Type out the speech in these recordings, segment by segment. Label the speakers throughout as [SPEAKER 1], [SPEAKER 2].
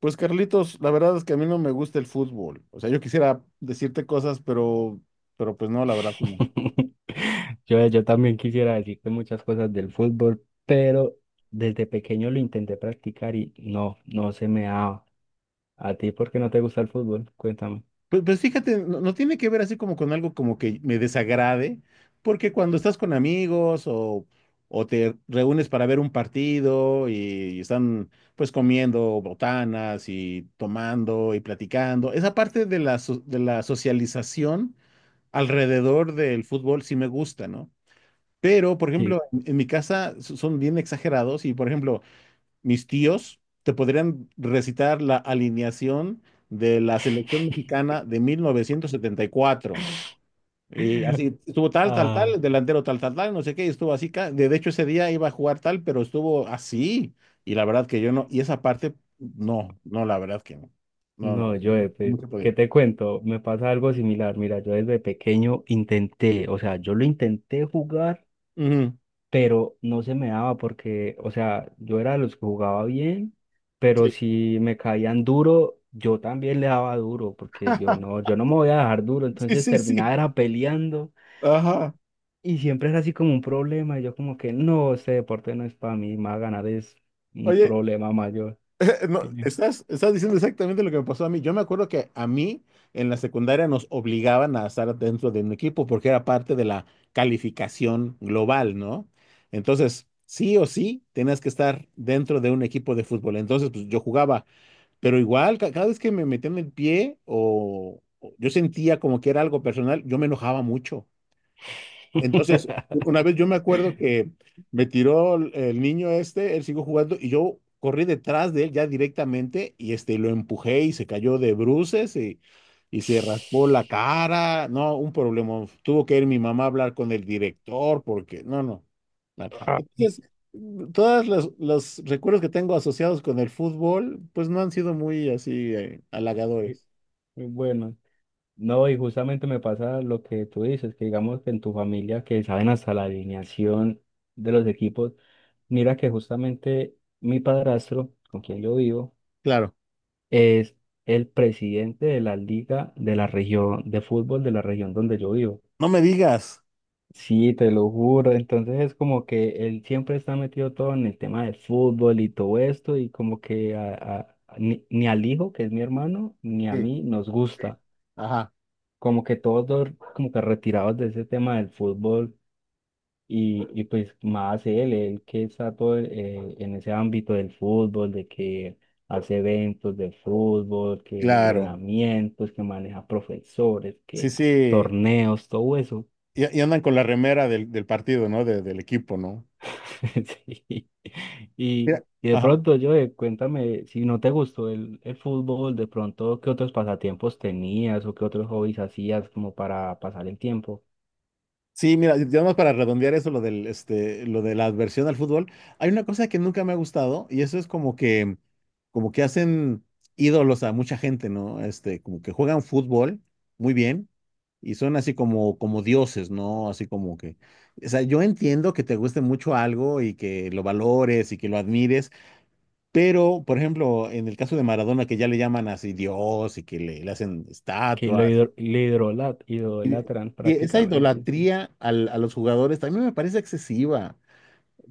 [SPEAKER 1] Pues Carlitos, la verdad es que a mí no me gusta el fútbol. O sea, yo quisiera decirte cosas, pero pues no, la verdad que no.
[SPEAKER 2] Yo también quisiera decirte muchas cosas del fútbol, pero desde pequeño lo intenté practicar y no se me daba. ¿A ti por qué no te gusta el fútbol? Cuéntame.
[SPEAKER 1] Pues, fíjate, no tiene que ver así como con algo como que me desagrade, porque cuando estás con amigos o te reúnes para ver un partido y, están pues comiendo botanas y tomando y platicando, esa parte de la, de la socialización alrededor del fútbol sí me gusta, ¿no? Pero, por
[SPEAKER 2] Sí.
[SPEAKER 1] ejemplo, en mi casa son bien exagerados y, por ejemplo, mis tíos te podrían recitar la alineación de la selección mexicana de 1974. Y cuatro. Y así estuvo tal, tal, tal,
[SPEAKER 2] Ah,
[SPEAKER 1] el delantero tal, tal, tal, no sé qué, y estuvo así. De hecho, ese día iba a jugar tal, pero estuvo así. Y la verdad que yo no, y esa parte, no, no, la verdad que no. No, no,
[SPEAKER 2] no, yo,
[SPEAKER 1] no no
[SPEAKER 2] pues,
[SPEAKER 1] se podía.
[SPEAKER 2] ¿qué te cuento? Me pasa algo similar. Mira, yo desde pequeño intenté, o sea, yo lo intenté jugar
[SPEAKER 1] Ujú,
[SPEAKER 2] pero no se me daba porque, o sea, yo era de los que jugaba bien, pero
[SPEAKER 1] sí.
[SPEAKER 2] si me caían duro, yo también le daba duro, porque yo no me voy a dejar duro,
[SPEAKER 1] Sí,
[SPEAKER 2] entonces
[SPEAKER 1] sí, sí.
[SPEAKER 2] terminaba era peleando
[SPEAKER 1] Ajá.
[SPEAKER 2] y siempre era así como un problema, y yo como que no, este deporte no es para mí, más ganar es un
[SPEAKER 1] Oye,
[SPEAKER 2] problema mayor.
[SPEAKER 1] no,
[SPEAKER 2] Sí.
[SPEAKER 1] estás, estás diciendo exactamente lo que me pasó a mí. Yo me acuerdo que a mí en la secundaria nos obligaban a estar dentro de un equipo porque era parte de la calificación global, ¿no? Entonces, sí o sí, tenías que estar dentro de un equipo de fútbol. Entonces, pues yo jugaba, pero igual, cada vez que me metían el pie o yo sentía como que era algo personal, yo me enojaba mucho. Entonces, una vez yo me acuerdo que me tiró el niño este, él siguió jugando y yo corrí detrás de él ya directamente y este lo empujé y se cayó de bruces y se raspó la cara. No, un problema. Tuvo que ir mi mamá a hablar con el director porque, no, no. Mal.
[SPEAKER 2] Ah,
[SPEAKER 1] Entonces, todos los recuerdos que tengo asociados con el fútbol, pues no han sido muy así
[SPEAKER 2] y-
[SPEAKER 1] halagadores.
[SPEAKER 2] y bueno. No, y justamente me pasa lo que tú dices, que digamos que en tu familia que saben hasta la alineación de los equipos, mira que justamente mi padrastro, con quien yo vivo,
[SPEAKER 1] Claro.
[SPEAKER 2] es el presidente de la liga de la región de fútbol de la región donde yo vivo.
[SPEAKER 1] No me digas.
[SPEAKER 2] Sí, te lo juro, entonces es como que él siempre está metido todo en el tema del fútbol y todo esto, y como que ni al hijo, que es mi hermano, ni a
[SPEAKER 1] Sí.
[SPEAKER 2] mí nos gusta.
[SPEAKER 1] Ajá.
[SPEAKER 2] Como que todos dos como que retirados de ese tema del fútbol y pues más él, que está todo en ese ámbito del fútbol, de que hace eventos de fútbol,
[SPEAKER 1] Sí.
[SPEAKER 2] que
[SPEAKER 1] Claro.
[SPEAKER 2] entrenamientos, que maneja profesores,
[SPEAKER 1] Sí,
[SPEAKER 2] que
[SPEAKER 1] sí.
[SPEAKER 2] torneos, todo eso.
[SPEAKER 1] Y andan con la remera del, del partido, ¿no? De- del equipo, ¿no?
[SPEAKER 2] Sí. Y,
[SPEAKER 1] Mira,
[SPEAKER 2] y de
[SPEAKER 1] ajá.
[SPEAKER 2] pronto, yo cuéntame, si no te gustó el fútbol, de pronto, ¿qué otros pasatiempos tenías o qué otros hobbies hacías como para pasar el tiempo?
[SPEAKER 1] Sí, mira, ya más para redondear eso, lo del, este, lo de la adversión al fútbol, hay una cosa que nunca me ha gustado y eso es como que hacen ídolos a mucha gente, ¿no? Este, como que juegan fútbol muy bien y son así como, como dioses, ¿no? Así como que, o sea, yo entiendo que te guste mucho algo y que lo valores y que lo admires. Pero, por ejemplo, en el caso de Maradona, que ya le llaman así Dios y que le hacen
[SPEAKER 2] Que lo,
[SPEAKER 1] estatuas,
[SPEAKER 2] le hidrola idolatran
[SPEAKER 1] y esa
[SPEAKER 2] prácticamente.
[SPEAKER 1] idolatría a los jugadores también me parece excesiva.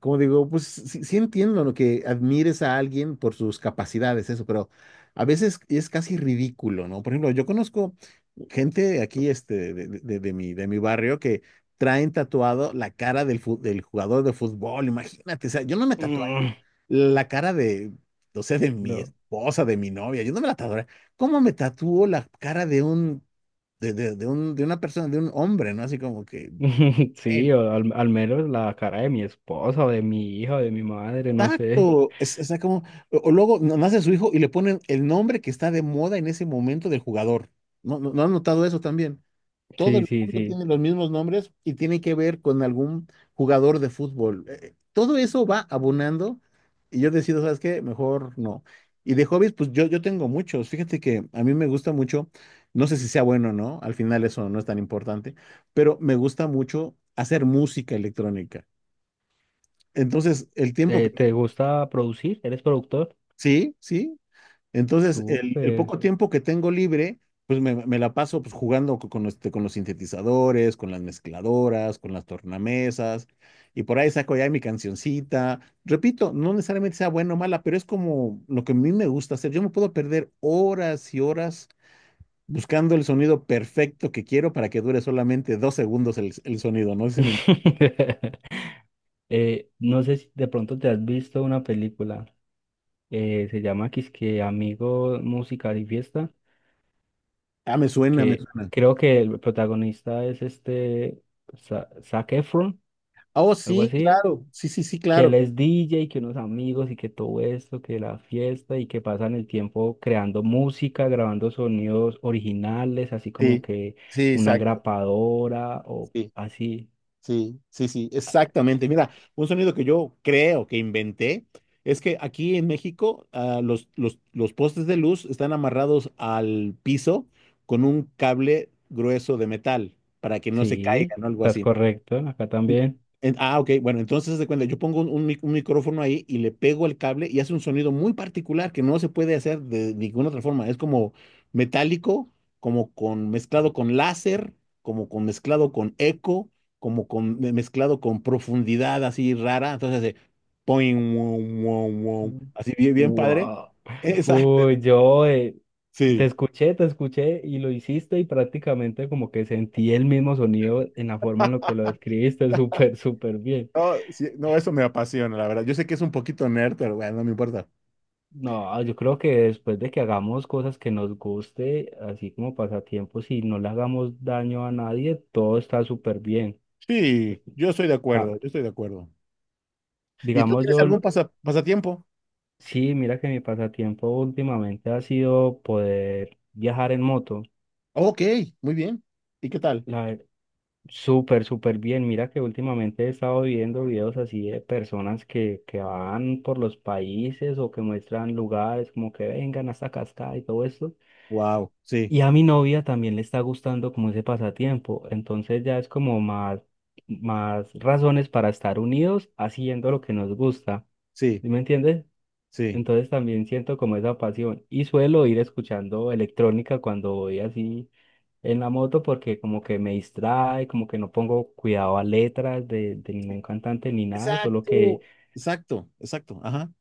[SPEAKER 1] Como digo, pues sí, sí entiendo lo que admires a alguien por sus capacidades, eso, pero a veces es casi ridículo, ¿no? Por ejemplo, yo conozco gente aquí este, de, de mi barrio que traen tatuado la cara del, del jugador de fútbol, imagínate, o sea, yo no me tatuaría
[SPEAKER 2] Mm.
[SPEAKER 1] la cara de, o sea, de mi
[SPEAKER 2] No.
[SPEAKER 1] esposa, de mi novia, yo no me la tatué. ¿Cómo me tatuó la cara de un, de un, de una persona, de un hombre, ¿no? Así como que,
[SPEAKER 2] Sí,
[SPEAKER 1] el
[SPEAKER 2] o al, al menos la cara de mi esposa o de mi hija o de mi madre, no sé.
[SPEAKER 1] tacto, es, o sea, como, o luego nace su hijo y le ponen el nombre que está de moda en ese momento del jugador. ¿No, no, no han notado eso también? Todo
[SPEAKER 2] Sí,
[SPEAKER 1] el
[SPEAKER 2] sí,
[SPEAKER 1] mundo
[SPEAKER 2] sí.
[SPEAKER 1] tiene los mismos nombres y tiene que ver con algún jugador de fútbol. Todo eso va abonando y yo decido, ¿sabes qué? Mejor no. Y de hobbies, pues yo tengo muchos. Fíjate que a mí me gusta mucho, no sé si sea bueno o no, al final eso no es tan importante, pero me gusta mucho hacer música electrónica. Entonces, el tiempo
[SPEAKER 2] ¿Te,
[SPEAKER 1] que...
[SPEAKER 2] te gusta producir? ¿Eres productor?
[SPEAKER 1] Sí, sí, entonces, el
[SPEAKER 2] Súper.
[SPEAKER 1] poco tiempo que tengo libre, pues me la paso pues, jugando con, este, con los sintetizadores, con las mezcladoras, con las tornamesas, y por ahí saco ya mi cancioncita. Repito, no necesariamente sea buena o mala, pero es como lo que a mí me gusta hacer. Yo me puedo perder horas y horas buscando el sonido perfecto que quiero para que dure solamente dos segundos el sonido, ¿no? Si me-
[SPEAKER 2] No sé si de pronto te has visto una película, se llama Quisque Amigo, Música y Fiesta,
[SPEAKER 1] ah, me suena, me
[SPEAKER 2] que
[SPEAKER 1] suena.
[SPEAKER 2] creo que el protagonista es este Zac Efron,
[SPEAKER 1] Ah, oh,
[SPEAKER 2] algo
[SPEAKER 1] sí,
[SPEAKER 2] así,
[SPEAKER 1] claro, sí, sí, sí,
[SPEAKER 2] que él
[SPEAKER 1] claro.
[SPEAKER 2] es DJ, que unos amigos y que todo esto, que la fiesta y que pasan el tiempo creando música, grabando sonidos originales, así como
[SPEAKER 1] Sí,
[SPEAKER 2] que
[SPEAKER 1] sí,
[SPEAKER 2] una
[SPEAKER 1] exacto.
[SPEAKER 2] grapadora o
[SPEAKER 1] Sí.
[SPEAKER 2] así.
[SPEAKER 1] Sí, sí, sí, exactamente. Mira, un sonido que yo creo que inventé es que aquí en México los postes de luz están amarrados al piso con un cable grueso de metal para que no se
[SPEAKER 2] Sí,
[SPEAKER 1] caigan o algo
[SPEAKER 2] estás
[SPEAKER 1] así.
[SPEAKER 2] correcto, acá también.
[SPEAKER 1] Ok, bueno, entonces haz de cuenta, yo pongo un, un micrófono ahí y le pego el cable y hace un sonido muy particular que no se puede hacer de ninguna otra forma. Es como metálico, como con mezclado con láser, como con mezclado con eco, como con mezclado con profundidad así rara. Entonces hace poing, wow, wow, wow,
[SPEAKER 2] Mm.
[SPEAKER 1] así bien, bien padre.
[SPEAKER 2] Wow.
[SPEAKER 1] Exacto.
[SPEAKER 2] Uy, yo te
[SPEAKER 1] Sí.
[SPEAKER 2] escuché, te escuché y lo hiciste y prácticamente como que sentí el mismo sonido en la forma en lo que lo describiste, súper, súper bien.
[SPEAKER 1] No, sí, no, eso me apasiona, la verdad. Yo sé que es un poquito nerd, pero bueno, no me importa.
[SPEAKER 2] No, yo creo que después de que hagamos cosas que nos guste, así como pasatiempos, y no le hagamos daño a nadie, todo está súper bien.
[SPEAKER 1] Sí, yo estoy de
[SPEAKER 2] Ca-
[SPEAKER 1] acuerdo, yo estoy de acuerdo. ¿Y tú
[SPEAKER 2] Digamos
[SPEAKER 1] tienes
[SPEAKER 2] yo,
[SPEAKER 1] algún pasatiempo?
[SPEAKER 2] sí, mira que mi pasatiempo últimamente ha sido poder viajar en moto.
[SPEAKER 1] Ok, muy bien. ¿Y qué tal?
[SPEAKER 2] La ver- Súper, súper bien. Mira que últimamente he estado viendo videos así de personas que van por los países o que muestran lugares como que vengan hasta Cascada y todo esto.
[SPEAKER 1] Wow, sí,
[SPEAKER 2] Y a mi novia también le está gustando como ese pasatiempo, entonces ya es como más, más razones para estar unidos haciendo lo que nos gusta,
[SPEAKER 1] sí,
[SPEAKER 2] ¿sí me entiendes?
[SPEAKER 1] sí.
[SPEAKER 2] Entonces también siento como esa pasión y suelo ir escuchando electrónica cuando voy así en la moto porque como que me distrae, como que no pongo cuidado a letras de ningún cantante ni nada, solo que
[SPEAKER 1] Exacto, exacto, exacto. Ajá,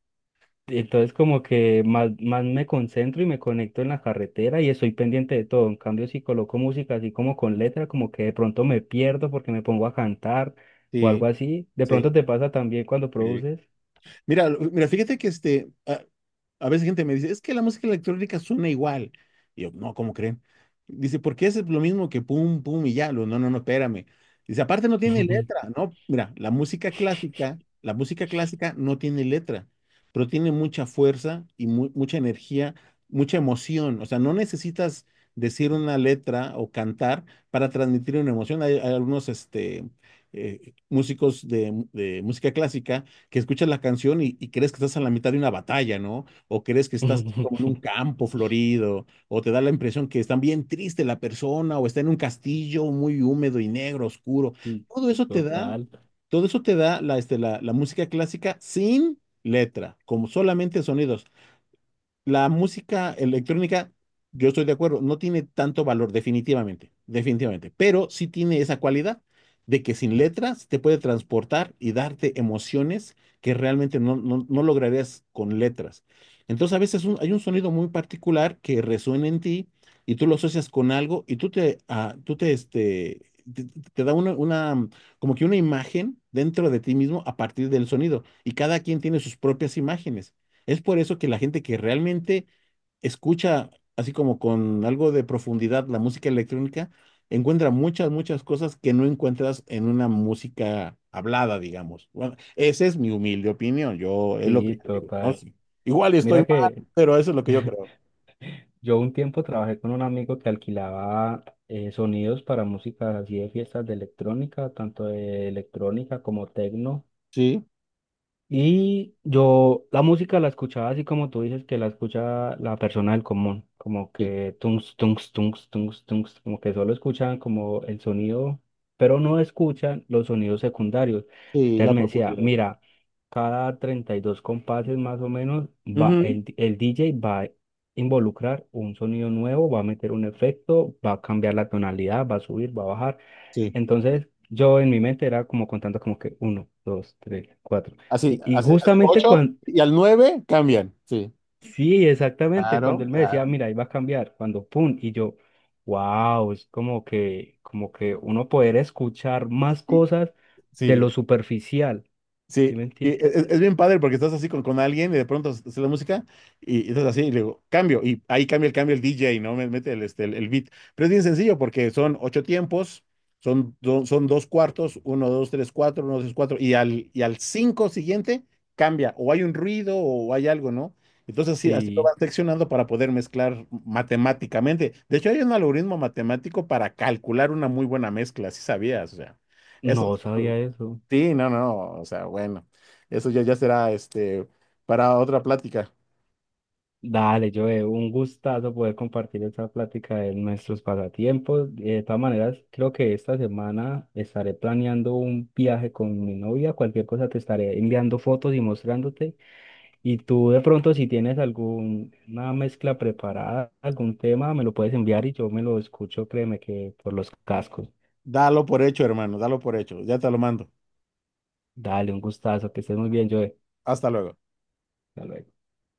[SPEAKER 2] entonces como que más, más me concentro y me conecto en la carretera y estoy pendiente de todo. En cambio, si coloco música así como con letra, como que de pronto me pierdo porque me pongo a cantar o
[SPEAKER 1] sí,
[SPEAKER 2] algo así. De
[SPEAKER 1] sí.
[SPEAKER 2] pronto te pasa también cuando
[SPEAKER 1] Sí.
[SPEAKER 2] produces.
[SPEAKER 1] Mira, mira, fíjate que este, a veces gente me dice, es que la música electrónica suena igual. Y yo, no, ¿cómo creen? Dice, porque es lo mismo que pum, pum y ya. Lo, no, no, no, espérame. Dice, aparte no tiene letra, ¿no? Mira, la música clásica no tiene letra, pero tiene mucha fuerza y mucha energía, mucha emoción. O sea, no necesitas decir una letra o cantar para transmitir una emoción. Hay algunos, este, músicos de música clásica que escuchas la canción y crees que estás a la mitad de una batalla, ¿no? O crees que estás así como en un campo florido, o te da la impresión que está bien triste la persona, o está en un castillo muy húmedo y negro, oscuro.
[SPEAKER 2] Y
[SPEAKER 1] Todo eso te da,
[SPEAKER 2] total,
[SPEAKER 1] todo eso te da la, este, la música clásica sin letra, como solamente sonidos. La música electrónica, yo estoy de acuerdo, no tiene tanto valor, definitivamente, definitivamente, pero sí tiene esa cualidad de que sin letras te puede transportar y darte emociones que realmente no, no, no lograrías con letras. Entonces a veces hay un sonido muy particular que resuena en ti y tú lo asocias con algo y tú te, ah, tú te, este, te da una, como que una imagen dentro de ti mismo a partir del sonido y cada quien tiene sus propias imágenes. Es por eso que la gente que realmente escucha así como con algo de profundidad la música electrónica, encuentra muchas, muchas cosas que no encuentras en una música hablada, digamos. Bueno, esa es mi humilde opinión, yo es lo
[SPEAKER 2] sí,
[SPEAKER 1] que yo digo, ¿no?
[SPEAKER 2] total.
[SPEAKER 1] Sí. Igual estoy
[SPEAKER 2] Mira
[SPEAKER 1] mal,
[SPEAKER 2] que
[SPEAKER 1] pero eso es lo que yo creo.
[SPEAKER 2] yo un tiempo trabajé con un amigo que alquilaba sonidos para música así de fiestas de electrónica, tanto de electrónica como tecno.
[SPEAKER 1] Sí,
[SPEAKER 2] Y yo la música la escuchaba así como tú dices que la escucha la persona del común, como
[SPEAKER 1] sí,
[SPEAKER 2] que tungs, tungs, tungs, tungs, tungs, como que solo escuchan como el sonido, pero no escuchan los sonidos secundarios.
[SPEAKER 1] sí, la
[SPEAKER 2] Entonces me decía,
[SPEAKER 1] profundidad.
[SPEAKER 2] mira, cada 32 compases más o menos va
[SPEAKER 1] Ujú,
[SPEAKER 2] el, el DJ va a involucrar un sonido nuevo, va a meter un efecto, va a cambiar la tonalidad, va a subir, va a bajar.
[SPEAKER 1] sí,
[SPEAKER 2] Entonces, yo en mi mente era como contando como que uno, dos, tres, cuatro.
[SPEAKER 1] así,
[SPEAKER 2] Y
[SPEAKER 1] así, así,
[SPEAKER 2] justamente
[SPEAKER 1] ocho
[SPEAKER 2] cuando,
[SPEAKER 1] y al nueve cambian, sí.
[SPEAKER 2] sí, exactamente, cuando
[SPEAKER 1] Claro,
[SPEAKER 2] él me decía,
[SPEAKER 1] claro.
[SPEAKER 2] mira, ahí va a cambiar, cuando pum, y yo, wow, es como que uno poder escuchar más
[SPEAKER 1] Sí,
[SPEAKER 2] cosas de
[SPEAKER 1] sí.
[SPEAKER 2] lo superficial, ¿sí
[SPEAKER 1] Sí,
[SPEAKER 2] me
[SPEAKER 1] y
[SPEAKER 2] entiendes?
[SPEAKER 1] es, bien padre porque estás así con alguien y de pronto hace la música y estás así y le digo, cambio, y ahí cambia el cambio el DJ, ¿no? Me- Mete el, este, el beat. Pero es bien sencillo porque son ocho tiempos, son, son dos cuartos, uno, dos, tres, cuatro, uno, dos, tres, cuatro, y al cinco siguiente cambia, o hay un ruido o hay algo, ¿no? Entonces sí, así lo
[SPEAKER 2] Sí,
[SPEAKER 1] vas seccionando para poder mezclar matemáticamente. De hecho, hay un algoritmo matemático para calcular una muy buena mezcla, si sabías, o sea, eso
[SPEAKER 2] no sabía eso.
[SPEAKER 1] sí, no, no, o sea, bueno, eso ya, ya será este para otra plática.
[SPEAKER 2] Dale, Joe, un gustazo poder compartir esta plática de nuestros pasatiempos. De todas maneras, creo que esta semana estaré planeando un viaje con mi novia. Cualquier cosa te estaré enviando fotos y mostrándote. Y tú de pronto, si tienes alguna mezcla preparada, algún tema, me lo puedes enviar y yo me lo escucho, créeme que por los cascos.
[SPEAKER 1] Dalo por hecho, hermano, dalo por hecho. Ya te lo mando.
[SPEAKER 2] Dale, un gustazo, que estés muy bien, Joe.
[SPEAKER 1] Hasta luego.
[SPEAKER 2] Hasta luego.